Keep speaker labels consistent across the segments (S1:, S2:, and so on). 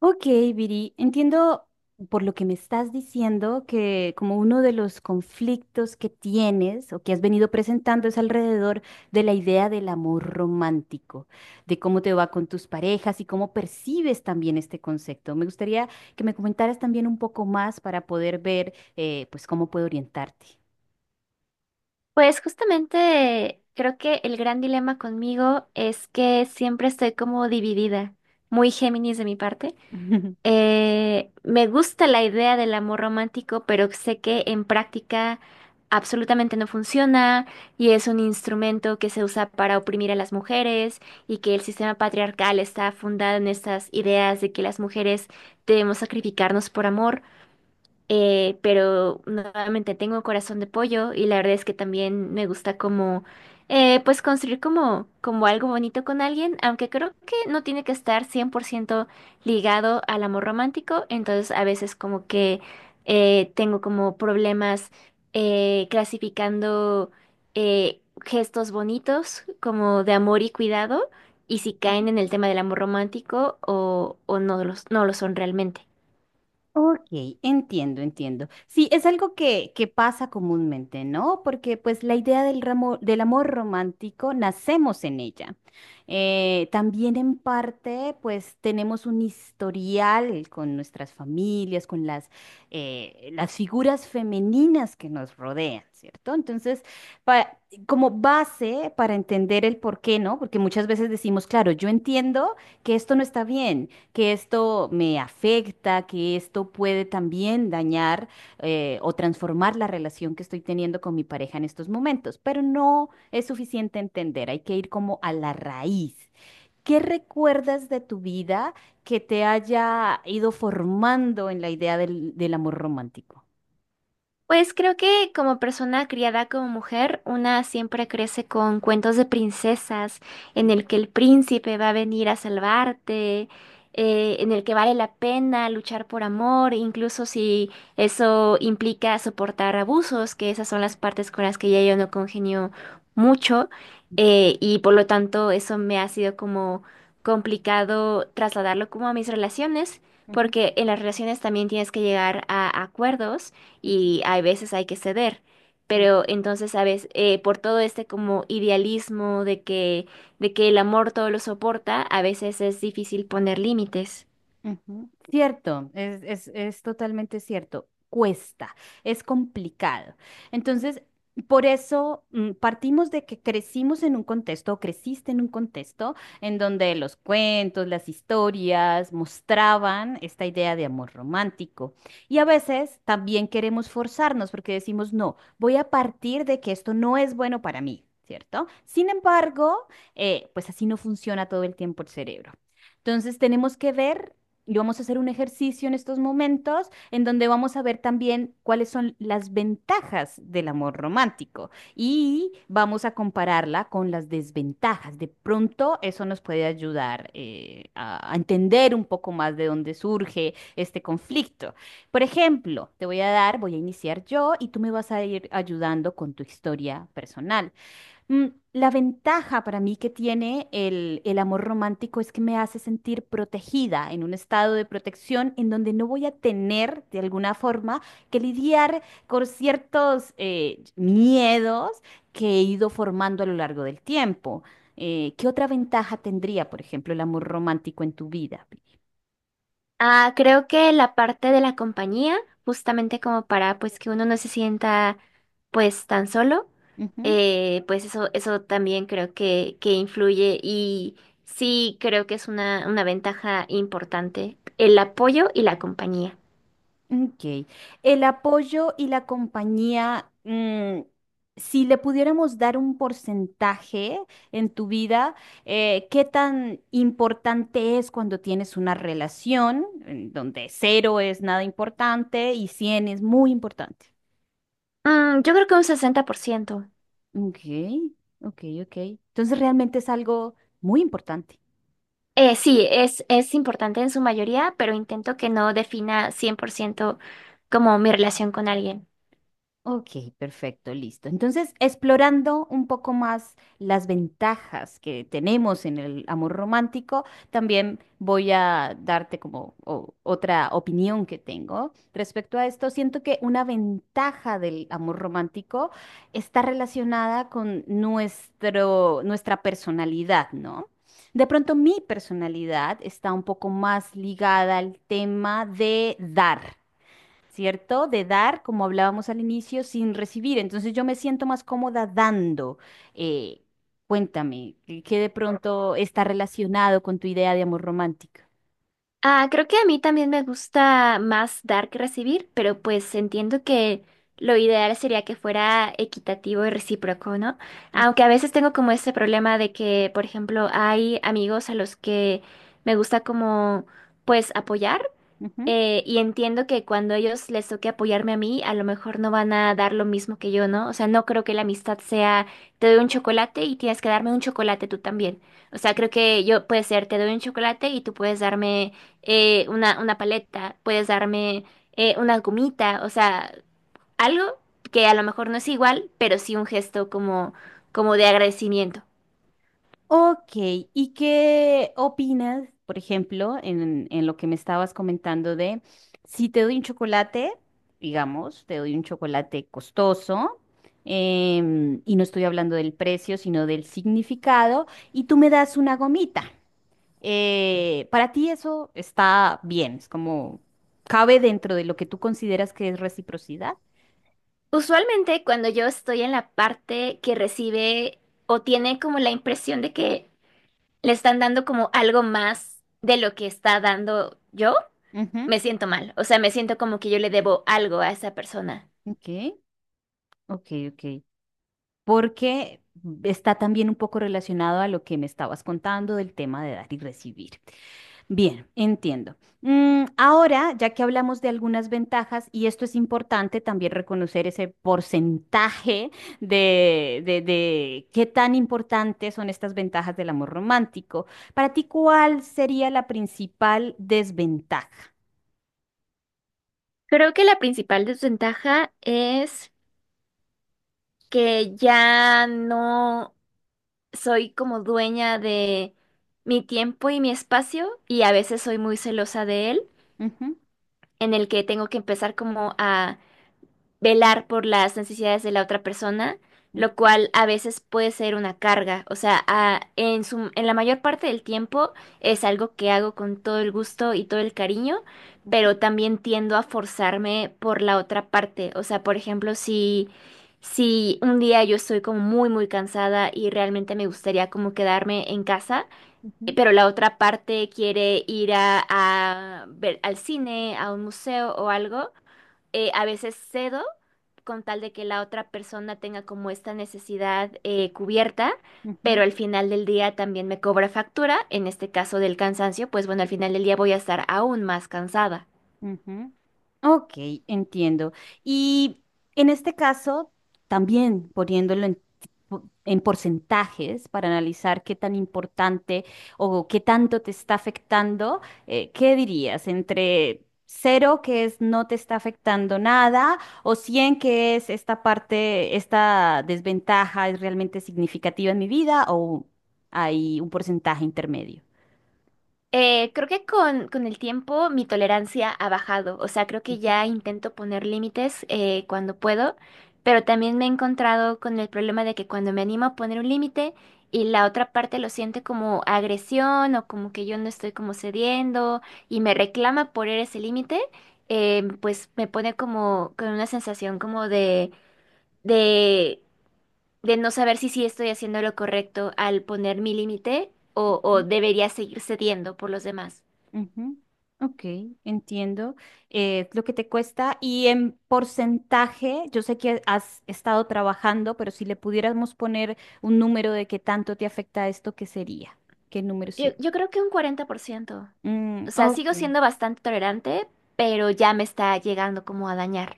S1: Ok, Viri, entiendo por lo que me estás diciendo que como uno de los conflictos que tienes o que has venido presentando es alrededor de la idea del amor romántico, de cómo te va con tus parejas y cómo percibes también este concepto. Me gustaría que me comentaras también un poco más para poder ver pues cómo puedo orientarte.
S2: Pues justamente creo que el gran dilema conmigo es que siempre estoy como dividida, muy Géminis de mi parte. Me gusta la idea del amor romántico, pero sé que en práctica absolutamente no funciona y es un instrumento que se usa para oprimir a las mujeres y que el sistema patriarcal está fundado en estas ideas de que las mujeres debemos sacrificarnos por amor. Pero nuevamente tengo corazón de pollo y la verdad es que también me gusta como, pues construir como, como algo bonito con alguien, aunque creo que no tiene que estar 100% ligado al amor romántico, entonces a veces como que tengo como problemas clasificando gestos bonitos como de amor y cuidado y si caen en el tema del amor romántico o no los, no lo son realmente.
S1: Ok, entiendo, entiendo. Sí, es algo que pasa comúnmente, ¿no? Porque pues la idea del amor romántico nacemos en ella. También en parte pues tenemos un historial con nuestras familias, con las figuras femeninas que nos rodean, ¿cierto? Entonces, pa- como base para entender el por qué, ¿no? Porque muchas veces decimos, claro, yo entiendo que esto no está bien, que esto me afecta, que esto puede también dañar o transformar la relación que estoy teniendo con mi pareja en estos momentos, pero no es suficiente entender, hay que ir como a la raíz. ¿Qué recuerdas de tu vida que te haya ido formando en la idea del amor romántico?
S2: Pues creo que como persona criada como mujer, una siempre crece con cuentos de princesas, en el que el príncipe va a venir a salvarte, en el que vale la pena luchar por amor, incluso si eso implica soportar abusos, que esas son las partes con las que ya yo no congenio mucho, y por lo tanto eso me ha sido como complicado trasladarlo como a mis relaciones,
S1: Ujú,
S2: porque en las relaciones también tienes que llegar a acuerdos y hay veces hay que ceder.
S1: ujú,
S2: Pero entonces, ¿sabes? Por todo este como idealismo de que el amor todo lo soporta, a veces es difícil poner límites.
S1: ujú. Cierto, es totalmente cierto. Cuesta, es complicado. Entonces, por eso partimos de que crecimos en un contexto, o creciste en un contexto en donde los cuentos, las historias mostraban esta idea de amor romántico. Y a veces también queremos forzarnos porque decimos, no, voy a partir de que esto no es bueno para mí, ¿cierto? Sin embargo, pues así no funciona todo el tiempo el cerebro. Entonces tenemos que ver y vamos a hacer un ejercicio en estos momentos en donde vamos a ver también cuáles son las ventajas del amor romántico y vamos a compararla con las desventajas. De pronto eso nos puede ayudar a entender un poco más de dónde surge este conflicto. Por ejemplo, te voy a dar, voy a iniciar yo y tú me vas a ir ayudando con tu historia personal. Mm, La ventaja para mí que tiene el amor romántico es que me hace sentir protegida en un estado de protección en donde no voy a tener de alguna forma que lidiar con ciertos miedos que he ido formando a lo largo del tiempo. ¿Qué otra ventaja tendría, por ejemplo, el amor romántico en tu vida?
S2: Ah, creo que la parte de la compañía, justamente como para pues que uno no se sienta pues tan solo,
S1: ¿Vivi?
S2: pues eso también creo que influye y sí creo que es una ventaja importante, el apoyo y la compañía.
S1: Ok. El apoyo y la compañía, si le pudiéramos dar un porcentaje en tu vida, ¿qué tan importante es cuando tienes una relación en donde 0 es nada importante y 100 es muy importante?
S2: Mm, yo creo que un 60%.
S1: Ok, ok, ok. Entonces realmente es algo muy importante.
S2: Sí, es importante en su mayoría, pero intento que no defina 100% como mi relación con alguien.
S1: Ok, perfecto, listo. Entonces, explorando un poco más las ventajas que tenemos en el amor romántico, también voy a darte como otra opinión que tengo. Respecto a esto, siento que una ventaja del amor romántico está relacionada con nuestra personalidad, ¿no? De pronto mi personalidad está un poco más ligada al tema de dar, ¿cierto? De dar, como hablábamos al inicio, sin recibir. Entonces yo me siento más cómoda dando. Eh, Cuéntame, ¿qué de pronto está relacionado con tu idea de amor romántico?
S2: Ah, creo que a mí también me gusta más dar que recibir, pero pues entiendo que lo ideal sería que fuera equitativo y recíproco, ¿no?
S1: Ujú.
S2: Aunque a veces tengo como ese problema de que, por ejemplo, hay amigos a los que me gusta como pues apoyar.
S1: Ujú.
S2: Y entiendo que cuando ellos les toque apoyarme a mí, a lo mejor no van a dar lo mismo que yo, ¿no? O sea, no creo que la amistad sea, te doy un chocolate y tienes que darme un chocolate tú también. O sea, creo que yo puede ser, te doy un chocolate y tú puedes darme una paleta, puedes darme una gomita, o sea, algo que a lo mejor no es igual, pero sí un gesto como, como de agradecimiento.
S1: Ok, ¿y qué opinas, por ejemplo, en lo que me estabas comentando de si te doy un chocolate, digamos, te doy un chocolate costoso? Y no estoy hablando del precio, sino del significado, y tú me das una gomita. Para ti eso está bien, es como cabe dentro de lo que tú consideras que es reciprocidad.
S2: Usualmente cuando yo estoy en la parte que recibe o tiene como la impresión de que le están dando como algo más de lo que está dando yo,
S1: Ujú.
S2: me siento mal. O sea, me siento como que yo le debo algo a esa persona.
S1: Ok, ok, ok. Porque está también un poco relacionado a lo que me estabas contando del tema de dar y recibir. Bien, entiendo. Ahora, ya que hablamos de algunas ventajas, y esto es importante también reconocer ese porcentaje de qué tan importantes son estas ventajas del amor romántico. Para ti, ¿cuál sería la principal desventaja?
S2: Creo que la principal desventaja es que ya no soy como dueña de mi tiempo y mi espacio y a veces soy muy celosa de él,
S1: Ujú,
S2: en el que tengo que empezar como a velar por las necesidades de la otra persona,
S1: ujú,
S2: lo cual a veces puede ser una carga. O sea, a- en su, en la mayor parte del tiempo es algo que hago con todo el gusto y todo el cariño, pero también tiendo a forzarme por la otra parte. O sea, por ejemplo, si, si un día yo estoy como muy, muy cansada y realmente me gustaría como quedarme en casa,
S1: ujú,
S2: pero la otra parte quiere ir a ver al cine, a un museo o algo a veces cedo con tal de que la otra persona tenga como esta necesidad cubierta, pero
S1: ujú.
S2: al final del día también me cobra factura, en este caso del cansancio, pues bueno, al final del día voy a estar aún más cansada.
S1: Ujú. Ok, entiendo. Y en este caso, también poniéndolo en porcentajes para analizar qué tan importante o qué tanto te está afectando, ¿qué dirías? Entre 0, que es no te está afectando nada, o 100, que es esta parte, esta desventaja es realmente significativa en mi vida, o hay un porcentaje intermedio.
S2: Creo que con el tiempo mi tolerancia ha bajado, o sea, creo que ya intento poner límites cuando puedo, pero también me he encontrado con el problema de que cuando me animo a poner un límite y la otra parte lo siente como agresión o como que yo no estoy como cediendo y me reclama por ese límite, pues me pone como con una sensación como de, de no saber si sí estoy haciendo lo correcto al poner mi límite o
S1: Ujú.
S2: debería seguir cediendo por los demás.
S1: Ujú. Ok, entiendo lo que te cuesta y en porcentaje, yo sé que has estado trabajando, pero si le pudiéramos poner un número de qué tanto te afecta esto, ¿qué sería? ¿Qué número
S2: Yo,
S1: sería?
S2: yo creo que un 40%.
S1: Mm,
S2: O sea,
S1: ok.
S2: sigo siendo bastante tolerante, pero ya me está llegando como a dañar.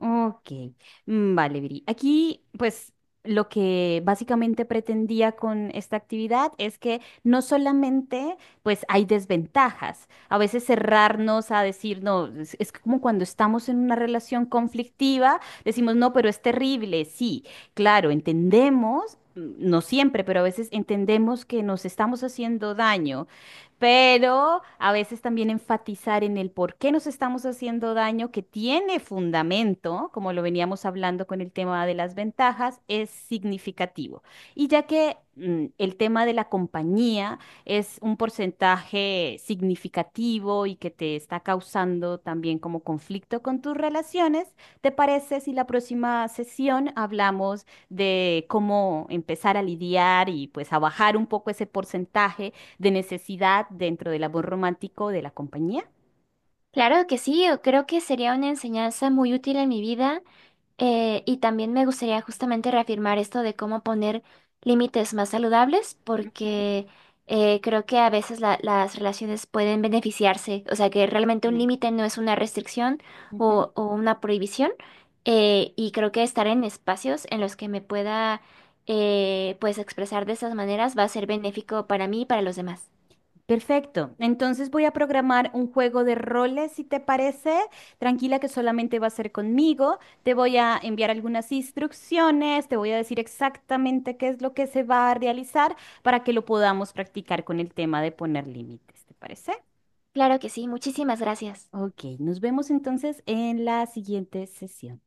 S1: Ok, mm, vale, Viri. Aquí, pues, lo que básicamente pretendía con esta actividad es que no solamente, pues, hay desventajas. A veces cerrarnos a decir, no, es como cuando estamos en una relación conflictiva, decimos, no, pero es terrible. Sí, claro, entendemos. No siempre, pero a veces entendemos que nos estamos haciendo daño, pero a veces también enfatizar en el por qué nos estamos haciendo daño, que tiene fundamento, como lo veníamos hablando con el tema de las ventajas, es significativo. Y ya que el tema de la compañía es un porcentaje significativo y que te está causando también como conflicto con tus relaciones, ¿te parece si la próxima sesión hablamos de cómo empezar a lidiar y pues a bajar un poco ese porcentaje de necesidad dentro del amor romántico de la compañía?
S2: Claro que sí, yo creo que sería una enseñanza muy útil en mi vida. Y también me gustaría justamente reafirmar esto de cómo poner límites más saludables,
S1: Ujú,
S2: porque creo que a veces las relaciones pueden beneficiarse, o sea que realmente un
S1: ujú,
S2: límite no es una restricción
S1: ujú.
S2: o una prohibición, y creo que estar en espacios en los que me pueda pues expresar de esas maneras va a ser benéfico para mí y para los demás.
S1: Perfecto. Entonces voy a programar un juego de roles, si te parece. Tranquila que solamente va a ser conmigo. Te voy a enviar algunas instrucciones, te voy a decir exactamente qué es lo que se va a realizar para que lo podamos practicar con el tema de poner límites, ¿te parece?
S2: Claro que sí, muchísimas gracias.
S1: Ok, nos vemos entonces en la siguiente sesión.